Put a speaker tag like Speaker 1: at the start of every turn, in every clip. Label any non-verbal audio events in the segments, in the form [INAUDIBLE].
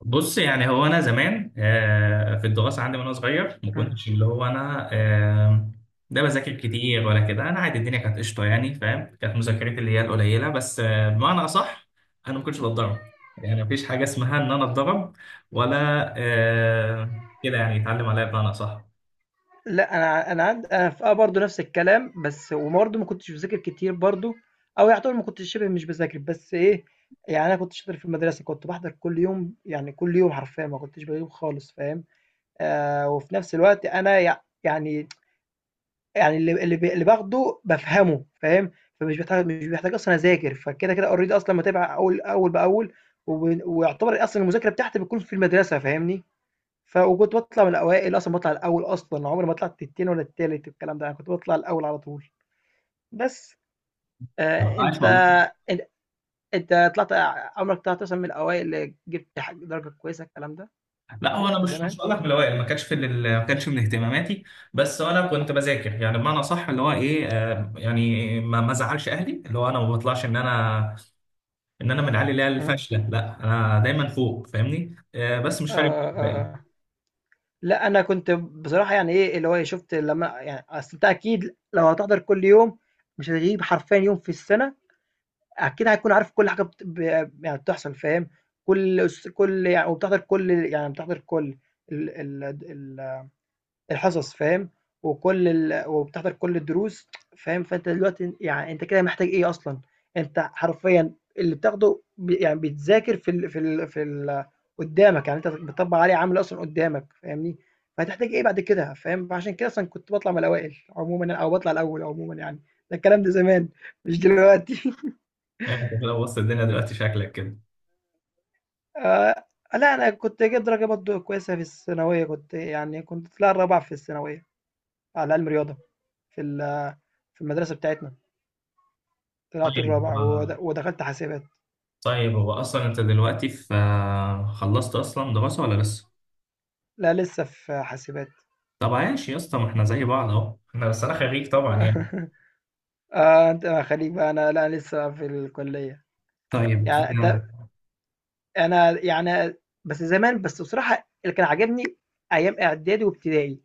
Speaker 1: بص يعني هو انا زمان في الدراسه عندي وانا صغير ما
Speaker 2: مم.
Speaker 1: كنتش اللي هو انا ده بذاكر كتير ولا كده. انا عادي، الدنيا كانت قشطه يعني فاهم، كانت مذاكرتي اللي هي القليله بس، بمعنى اصح انا ما كنتش بتضرب، يعني مفيش حاجه اسمها ان انا اتضرب ولا كده يعني يتعلم عليا بمعنى اصح.
Speaker 2: لا، انا في برضه نفس الكلام. بس وبرضه ما كنتش بذاكر كتير برضه، او يعتبر ما كنتش شبه مش بذاكر، بس ايه. يعني انا كنت شاطر في المدرسه، كنت بحضر كل يوم، يعني كل يوم حرفيا ما كنتش بغيب خالص، فاهم. آه، وفي نفس الوقت انا يعني اللي باخده بفهمه، فاهم. فمش بحتاج، مش بحتاج اصلا اذاكر، فكده كده اوريدي اصلا متابع اول اول باول. ويعتبر اصلا المذاكره بتاعتي بتكون في المدرسه، فاهمني. وكنت باطلع من الأوائل أصلًا، باطلع الأول أصلًا، عمري ما طلعت التاني ولا التالت والكلام ده، أنا كنت باطلع الأول على طول. بس. آآ
Speaker 1: عاش
Speaker 2: أنت
Speaker 1: والله.
Speaker 2: أن أنت طلعت، عمرك طلعت مثلًا من الأوائل اللي جبت درجة كويسة الكلام ده؟
Speaker 1: لا هو انا مش
Speaker 2: زمان؟
Speaker 1: مش هقول لك من الاوائل، ما كانش من اهتماماتي. بس انا كنت بذاكر يعني بمعنى صح، اللي هو ايه، يعني ما زعلش اهلي، اللي هو انا ما بطلعش ان انا من العيال اللي هي
Speaker 2: إمم.
Speaker 1: الفاشله. لا انا دايما فوق فاهمني، بس مش فارق معايا
Speaker 2: آه، آه،
Speaker 1: الباقي.
Speaker 2: آه. لأ، أنا كنت بصراحة يعني إيه، اللي هو إيه، شُفت لمّا يعني أصل أنت أكيد لو هتحضر كل يوم، مش هتغيب حرفيًا يوم في السنة، أكيد هتكون عارف كل حاجة بت ب يعني بتحصل، فاهم؟ كل يعني، بتحضر كل ال ال د ال الحصص، فاهم، وكل ال وبتحضر كل الدروس، فاهم. فأنت دلوقتي يعني أنت كده محتاج إيه أصلًا؟ أنت حرفيًا اللي بتاخده يعني بيتذاكر في ال في ال في ال قدّامك، يعني أنت بتطبّق عليه عملي أصلًا قدّامك، فاهمني. فهتحتاج إيه بعد كده، فاهم. فعشان كده أصلًا كنت باطلع من الأوائل عمومًا، أو باطلع الأول عمومًا يعني. ده الكلام ده زمان، مش دلوقتي.
Speaker 1: يعني انت لو وسط الدنيا دلوقتي شكلك كده.
Speaker 2: [LAUGHS] آآ، لأ، أنا كنت جايب درجة برضه كويسة في الثانوية، كنت طلِعت الرابع في الثانوية على عِلم رياضة في ال في المدرسة بتاعتنا. طلعت
Speaker 1: طيب
Speaker 2: الرابع، ودخلت حاسبات.
Speaker 1: طيب هو اصلا انت دلوقتي في خلصت اصلا دراسه ولا لسه؟
Speaker 2: لا لسه في حاسبات.
Speaker 1: طب عايش يا اسطى، ما احنا زي بعض اهو، احنا بس انا خريج طبعا يعني.
Speaker 2: [LAUGHS] اه انت خليك بقى، انا لا لسه في الكلية.
Speaker 1: طيب
Speaker 2: يعني انت
Speaker 1: آه،
Speaker 2: انا بس زمان، بس بصراحة اللي كان عاجبني ايام اعدادي وابتدائي.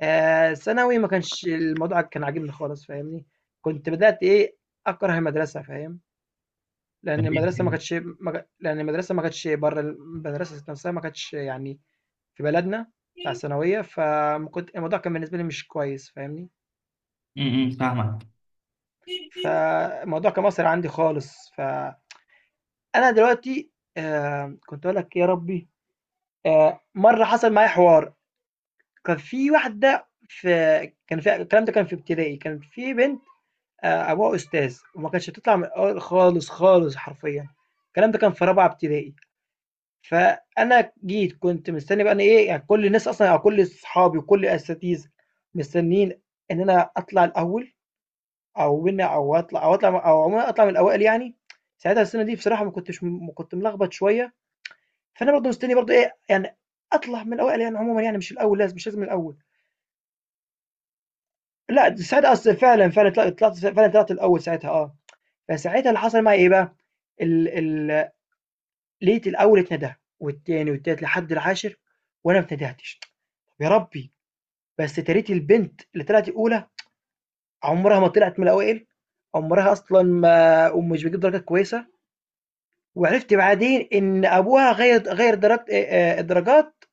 Speaker 2: آه، ثانوي ما كانش الموضوع كان عاجبني خالص، فاهمني. كنت بدأت ايه اكره المدرسة، فاهم. لان
Speaker 1: خريج
Speaker 2: المدرسة ما
Speaker 1: كده.
Speaker 2: كانتش لان المدرسة ما كانتش، بره المدرسة ذات نفسها ما كانتش يعني في بلدنا بتاع الثانوية. الموضوع كان بالنسبة لي مش كويس، فاهمني.
Speaker 1: امم، فاهمك.
Speaker 2: فالموضوع كان مأثر عندي خالص. فأنا دلوقتي، كنت هاقول لك إيه يا ربي. مرّة حصل معايا حوار، كان في الكلام ده كان في ابتدائي، كان في بنت أبوها أستاذ، وما كانتش بتطلع من الأول خالص، خالص حرفيًا. الكلام ده كان في رابعة ابتدائي. فأنا جيت كنت مستني بقى أنا إيه، يعني كل الناس أصلًا أو كل صحابي وكل الأساتذة مستنيين إن أنا أطلع الأول، أو win، أو عمومًا أطلع من الأوائل يعني. ساعتها السنة دي بصراحة ما كنتش م كنت ملخبط شوية. فأنا برضه مستني برضه إيه، يعني أطلع من الأوائل يعني عمومًا، يعني مش الأول لازم، مش لازم الأول. لأ ساعتها أصل فعلًا، فعلًا طل طلعت فعلًا طلعت الأول ساعتها، آه. فساعتها اللي حصل معايا إيه بقى، ال ال لقيت الأول اتندى، والتاني والتالت لحد العاشر، وأنا ما اتندهتش. طب يا ربي. بس تاريت البنت اللي طلعت الأولى عمرها ما طلعت من الأوائل، عمرها أصلًا ما ومش بتجيب درجات كويسة. وعرفت بعدين إن أبوها غيّر درجت الدرجات،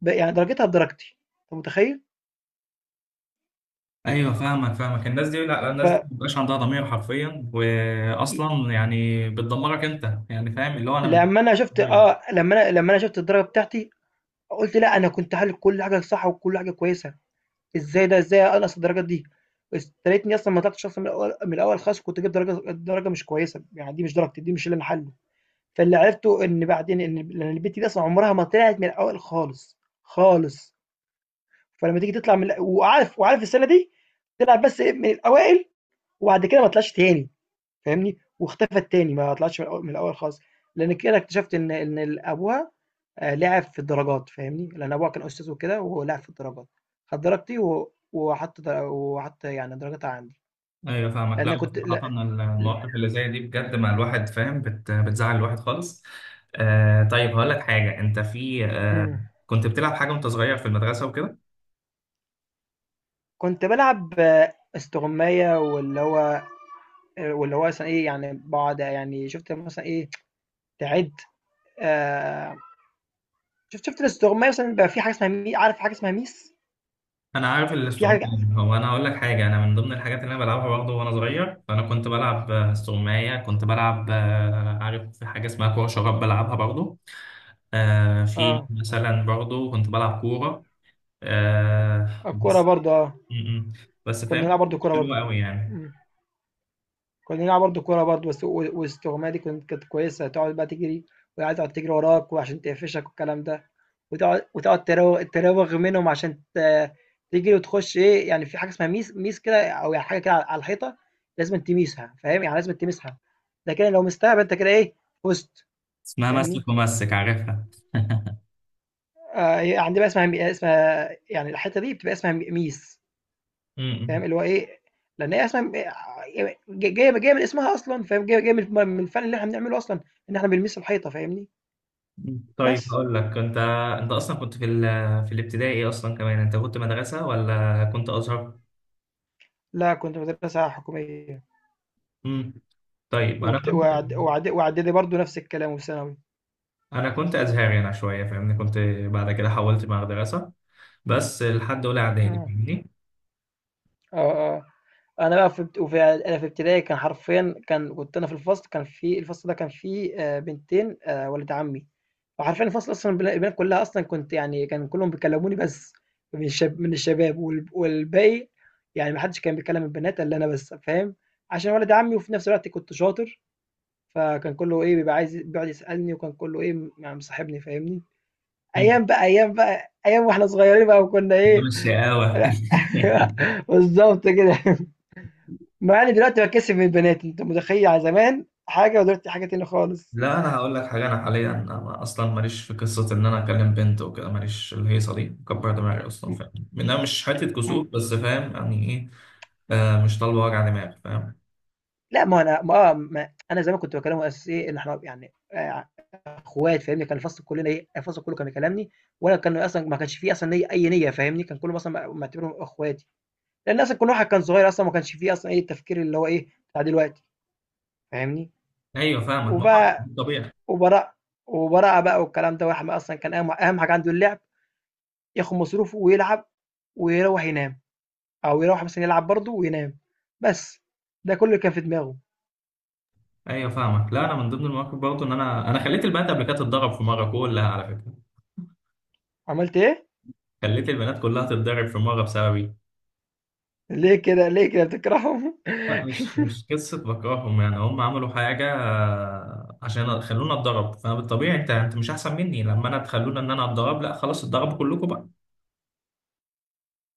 Speaker 2: يعني درجتها بدرجتي. أنت متخيّل؟
Speaker 1: ايوه فاهمك فاهمك، الناس دي، لا لا،
Speaker 2: ف
Speaker 1: الناس دي مبقاش عندها ضمير حرفيا،
Speaker 2: ي
Speaker 1: واصلا يعني بتدمرك انت يعني، فاهم اللي هو انا من.
Speaker 2: لمّا أنا شُفت
Speaker 1: طيب.
Speaker 2: لمّا أنا شُفت الدرجة بتاعتي، قُلت لأ. أنا كنت حالل كل حاجة صح وكل حاجة كويسة. إزاي أنقّص الدرجات دي؟ بس يا ريتني أصلًا ما طلعتش أصلًا من الأول، من الأول خالص كنت جِبت درجة مش كويسة، يعني دي مش درجتي، دي مش اللي أنا حالله. فاللي عرفته إن بعدين إن ب لإن البت دي أصلًا عمرها ما طلعت من الأول خالص، خالص. فلما تيجي تطلع من، وعارف، وعارف السنة دي تلعب بس إيه، من الأوائل، وبعد كده ما طلعش تاني، فاهمني، واختفت تاني، ما طلعش من الأول، من الأول خالص. لأن كده اكتشفت إن أبوها آه، لعب في الدرجات، فاهمني، لأن أبوها كان أستاذ وكده، وهو لعب في الدرجات. خد درجتي وحط يعني درجتها عندي،
Speaker 1: ايوه فاهمك. لا
Speaker 2: لأن كنت،
Speaker 1: صراحة،
Speaker 2: لا، ل-
Speaker 1: المواقف اللي زي دي بجد مع الواحد فاهم بتزعل الواحد خالص. طيب هقول لك حاجة. انت في
Speaker 2: مم.
Speaker 1: كنت بتلعب حاجة وانت صغير في المدرسة وكده؟
Speaker 2: كنت بلعب استغماية، واللي هو مثلا ايه، يعني بقعد، يعني شفت مثلا ايه تعد آه، شفت الاستغماية مثلًا. بيبقى في حاجة اسمها عارف حاجة اسمها ميس؟
Speaker 1: انا عارف
Speaker 2: في
Speaker 1: الاستغماية.
Speaker 2: حاجة،
Speaker 1: هو انا هقول لك حاجة، انا من ضمن الحاجات اللي انا بلعبها برضه وانا صغير، فانا كنت بلعب استغماية، كنت بلعب عارف في حاجة اسمها كورة شراب، بلعبها برضه. في
Speaker 2: آه،
Speaker 1: مثلا برضه كنت بلعب كورة.
Speaker 2: الكورة
Speaker 1: بس.
Speaker 2: برضه، آه.
Speaker 1: م- م. بس
Speaker 2: كنا بنلعب
Speaker 1: فاهمني
Speaker 2: برضه
Speaker 1: مش
Speaker 2: كورة
Speaker 1: حلوة
Speaker 2: برضه.
Speaker 1: قوي يعني.
Speaker 2: إمم. كنا بنلعب برضه كورة برضه، بس. والاستغماية دي كانت كويسة، تقعد بقى تجري والعيال تقعد تجري وراك وعشان تقفشك والكلام ده. وتقعد تراوغ منهم عشان تجري وتخش إيه، يعني في حاجة اسمها ميس، ميس كده، أو يعني حاجة كده على الحيطة، لازمًا تميسها، فاهم، يعني لازمًا تمسها. ده كده لو مِستها يبقى أنت كده إيه، فُزت،
Speaker 1: اسمها
Speaker 2: فاهمني؟
Speaker 1: مسك، ومسك عارفها.
Speaker 2: هي عندنا بقى اسمها يعني الحتّة دي بتبقى اسمها م ميس، فاهم،
Speaker 1: امم.
Speaker 2: اللي هو إيه. لإن هي أصلًا ب ج جاية جاية من اسمها أصلًا، فاهم، جاية من الفن اللي إحنا بنعمله أصلًا، إن إحنا بنميس الحيطة، فاهمني.
Speaker 1: طيب
Speaker 2: بس.
Speaker 1: هقول لك. انت اصلا كنت في في الابتدائي ايه اصلا، كمان انت كنت مدرسه ولا كنت ازهر؟
Speaker 2: لأ، كنت مدرسة حكومية،
Speaker 1: امم. طيب انا
Speaker 2: وبت
Speaker 1: كنت
Speaker 2: وإعد وإعد وإعدادي برضه نفس الكلام وفي ثانوي.
Speaker 1: انا كنت ازهري انا شويه فاهمني، كنت بعد كده حولت مدرسه، بس لحد اولى اعدادي
Speaker 2: إمم.
Speaker 1: فاهمني.
Speaker 2: آه، آه. أنا بقى في ابت- وفي إعد- أنا في ابتدائي، كان حرفيًا كنت أنا في الفصل، في الفصل ده كان فيه بنتين، ولد عمي. وحرفيًا الفصل أصلًا البنات كلها أصلًا، كنت يعني كان كلهم بيكلموني، بس من الشباب والباقي، يعني ما حدش كان بيكلم البنات إلا أنا بس، فاهم، عشان ولد عمي، وفي نفس الوقت كنت شاطر. فكان كله إيه بيبقى عايز بيقعد يسألني، وكان كله إيه، يعني مصاحبني، فاهمني.
Speaker 1: مم.
Speaker 2: أيام بقى، أيام بقى أيام وإحنا صغيرين بقى، وكنا
Speaker 1: أيام
Speaker 2: إيه.
Speaker 1: الشقاوة.
Speaker 2: [LAUGHS]
Speaker 1: [LAUGHS]
Speaker 2: بالظبط كده. مع اني دلوقتي باتكسف من البنات. أنت متخيل يعني زمان حاجة ودلوقتي حاجة تانية خالص.
Speaker 1: لا انا هقول لك حاجه، انا حاليا أنا اصلا ماليش في قصه ان انا اكلم بنت وكده، ماليش الهيصه دي، كبر دماغي اصلا،
Speaker 2: إمم،
Speaker 1: فاهم منها مش حته
Speaker 2: إمم.
Speaker 1: كسوف، بس فاهم يعني ايه؟ مش طالبه وجع دماغ فاهم.
Speaker 2: لأ، ما هو أنا ما آه، ما أنا زمان كنت باكلمهم أساس إيه، إن إحنا يعني أخوات، فاهمني. كان الفصل كلنا إيه، الفصل كله كان بيكلمني، وأنا كان أصلًا ما كانش في أصلًا ليّا أي نيّة، فاهمني. كان كله مثلًا معتبرهم أخواتي، لأن أصلًا كل واحد كان صغير، أصلًا ما كانش في أصلًا إيه التفكير اللي هو إيه، بتاع دلوقتي، فاهمني.
Speaker 1: ايوه فاهمك ما هو
Speaker 2: وبقى
Speaker 1: طبيعي.
Speaker 2: وبرا وبراءة بقى والكلام ده. واحد أصلًا كان أهم، أهم حاجة عنده اللعب، ياخد مصروفه ويلعب ويروّح ينام. أو يروّح مثلًا يلعب برضه وينام، بس. ده كلّ اللي كان في دماغه.
Speaker 1: ايوه فاهمك. لا انا من ضمن المواقف برضه، ان انا خليت البنات قبل كده تتضرب في مره كلها، على فكره.
Speaker 2: عملت إيه؟
Speaker 1: خليت البنات كلها تتضرب في مره بسببي.
Speaker 2: ليه كده، ليه كده بتكرههم؟
Speaker 1: لا مش
Speaker 2: [LAUGHS]
Speaker 1: مش قصه بكرههم، يعني هم عملوا حاجه، عشان خلونا اتضرب، فبالطبيعي انت مش احسن مني، لما انا تخلونا ان انا اتضرب، لا خلاص اتضربوا كلكم بقى.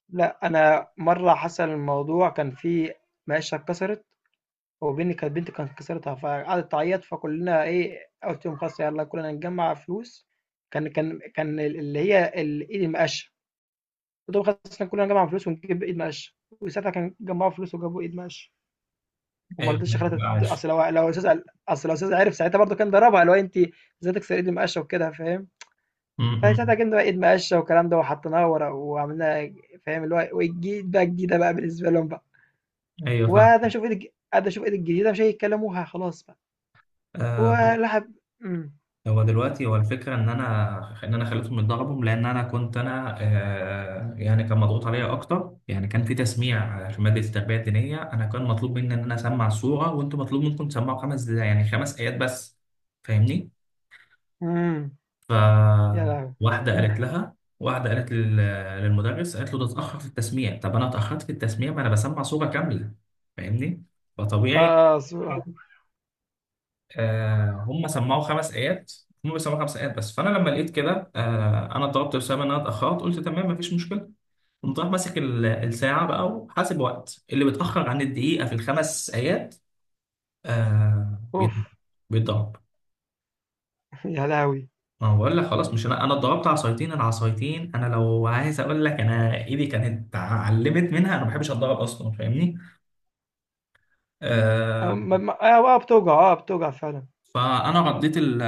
Speaker 2: لأ، أنا مرّة حصل الموضوع، كان في مقاشة اتكسرت، وبين كانت بنتي كانت كسرتها، فقعدت تعيّط. فكلّنا إيه، قُلت لهم خلاص يالّا كلّنا نجمّع فلوس، كان اللي هي ال إيد المقاشة. قُلت لهم خلاص إحنا كلّنا نجمّع فلوس ونجيب إيد مقاشة. وساعتها كان جمّعوا فلوس وجابوا إيد مقاشة. وما
Speaker 1: ايوه
Speaker 2: رضيتش خلاص
Speaker 1: فاهمك،
Speaker 2: تد-.
Speaker 1: عاش.
Speaker 2: اصل لو الاستاذ قال-. اصل لو الاستاذ عرف ساعتها برضه كان ضربها، اللي هو انت ازاي تكسر ايد المقشه وكده، فاهم.
Speaker 1: م-
Speaker 2: فساعتها
Speaker 1: م.
Speaker 2: جبنا بقى ايد مقشه والكلام ده، وحطيناها ورا وعملناها، فاهم، اللي هو وجديد بقى، جديده بقى بالنسبه لهم بقى.
Speaker 1: ايوه فاهم.
Speaker 2: وقعد اشوف ايد الج- قعد اشوف ايد الجديده، مش هيتكلموها خلاص بقى،
Speaker 1: آه
Speaker 2: ولحب. امم.
Speaker 1: هو دلوقتي، هو الفكره ان انا خليتهم يتضربوا، لان انا كنت انا، يعني كان مضغوط عليا اكتر، يعني كان في تسميع في ماده التربيه الدينيه، انا كان مطلوب مني ان انا اسمع السوره، وانتوا مطلوب منكم تسمعوا خمس، يعني 5 ايات بس، فاهمني.
Speaker 2: امم.
Speaker 1: ف
Speaker 2: يا لهوي. [LAUGHS]
Speaker 1: واحده قالت للمدرس، قالت له ده اتاخر في التسميع، طب انا اتاخرت في التسميع، ما انا بسمع سوره كامله فاهمني، فطبيعي.
Speaker 2: اه صورة.
Speaker 1: هم سمعوا 5 ايات، هم بيسمعوا 5 ايات بس، فانا لما لقيت كده، انا ضربت بسبب ان انا اتاخرت، قلت تمام مفيش مشكله. قمت رايح ماسك الساعه بقى، وحاسب وقت اللي بيتاخر عن الدقيقه في الخمس ايات آه
Speaker 2: اوف.
Speaker 1: بيت- بيتضرب.
Speaker 2: [LAUGHS] يا لهوي.
Speaker 1: ما هو بقول لك خلاص، مش انا اتضربت عصايتين. العصايتين انا لو عايز اقول لك، انا ايدي كانت اتعلمت منها، انا ما بحبش اتضرب اصلا فاهمني. آه،
Speaker 2: بتوجع، اه بتوجع فعلا.
Speaker 1: فانا رديت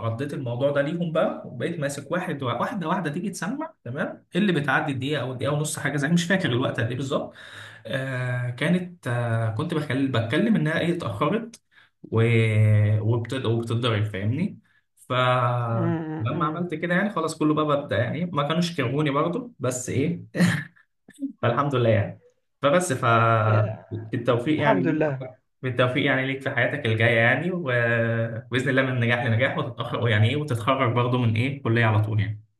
Speaker 1: رديت الموضوع ده ليهم بقى، وبقيت ماسك واحده تيجي تسمع، تمام، اللي بتعدي الدقيقه او الدقيقه ونص، حاجه زي، مش فاكر الوقت قد ايه بالظبط. آه كانت آه كنت بتكلم انها ايه اتاخرت و... وبتتضرب فاهمني.
Speaker 2: امم،
Speaker 1: فلما
Speaker 2: امم.
Speaker 1: عملت كده يعني خلاص، كله بقى بدأ يعني ما كانوش كرهوني برضه بس ايه، فالحمد لله يعني. فبس
Speaker 2: الحمد لله.
Speaker 1: بالتوفيق يعني ليك في حياتك الجاية يعني، وبإذن الله من نجاح لنجاح، وتتأخر يعني إيه وتتخرج برضه من إيه كلية على طول يعني.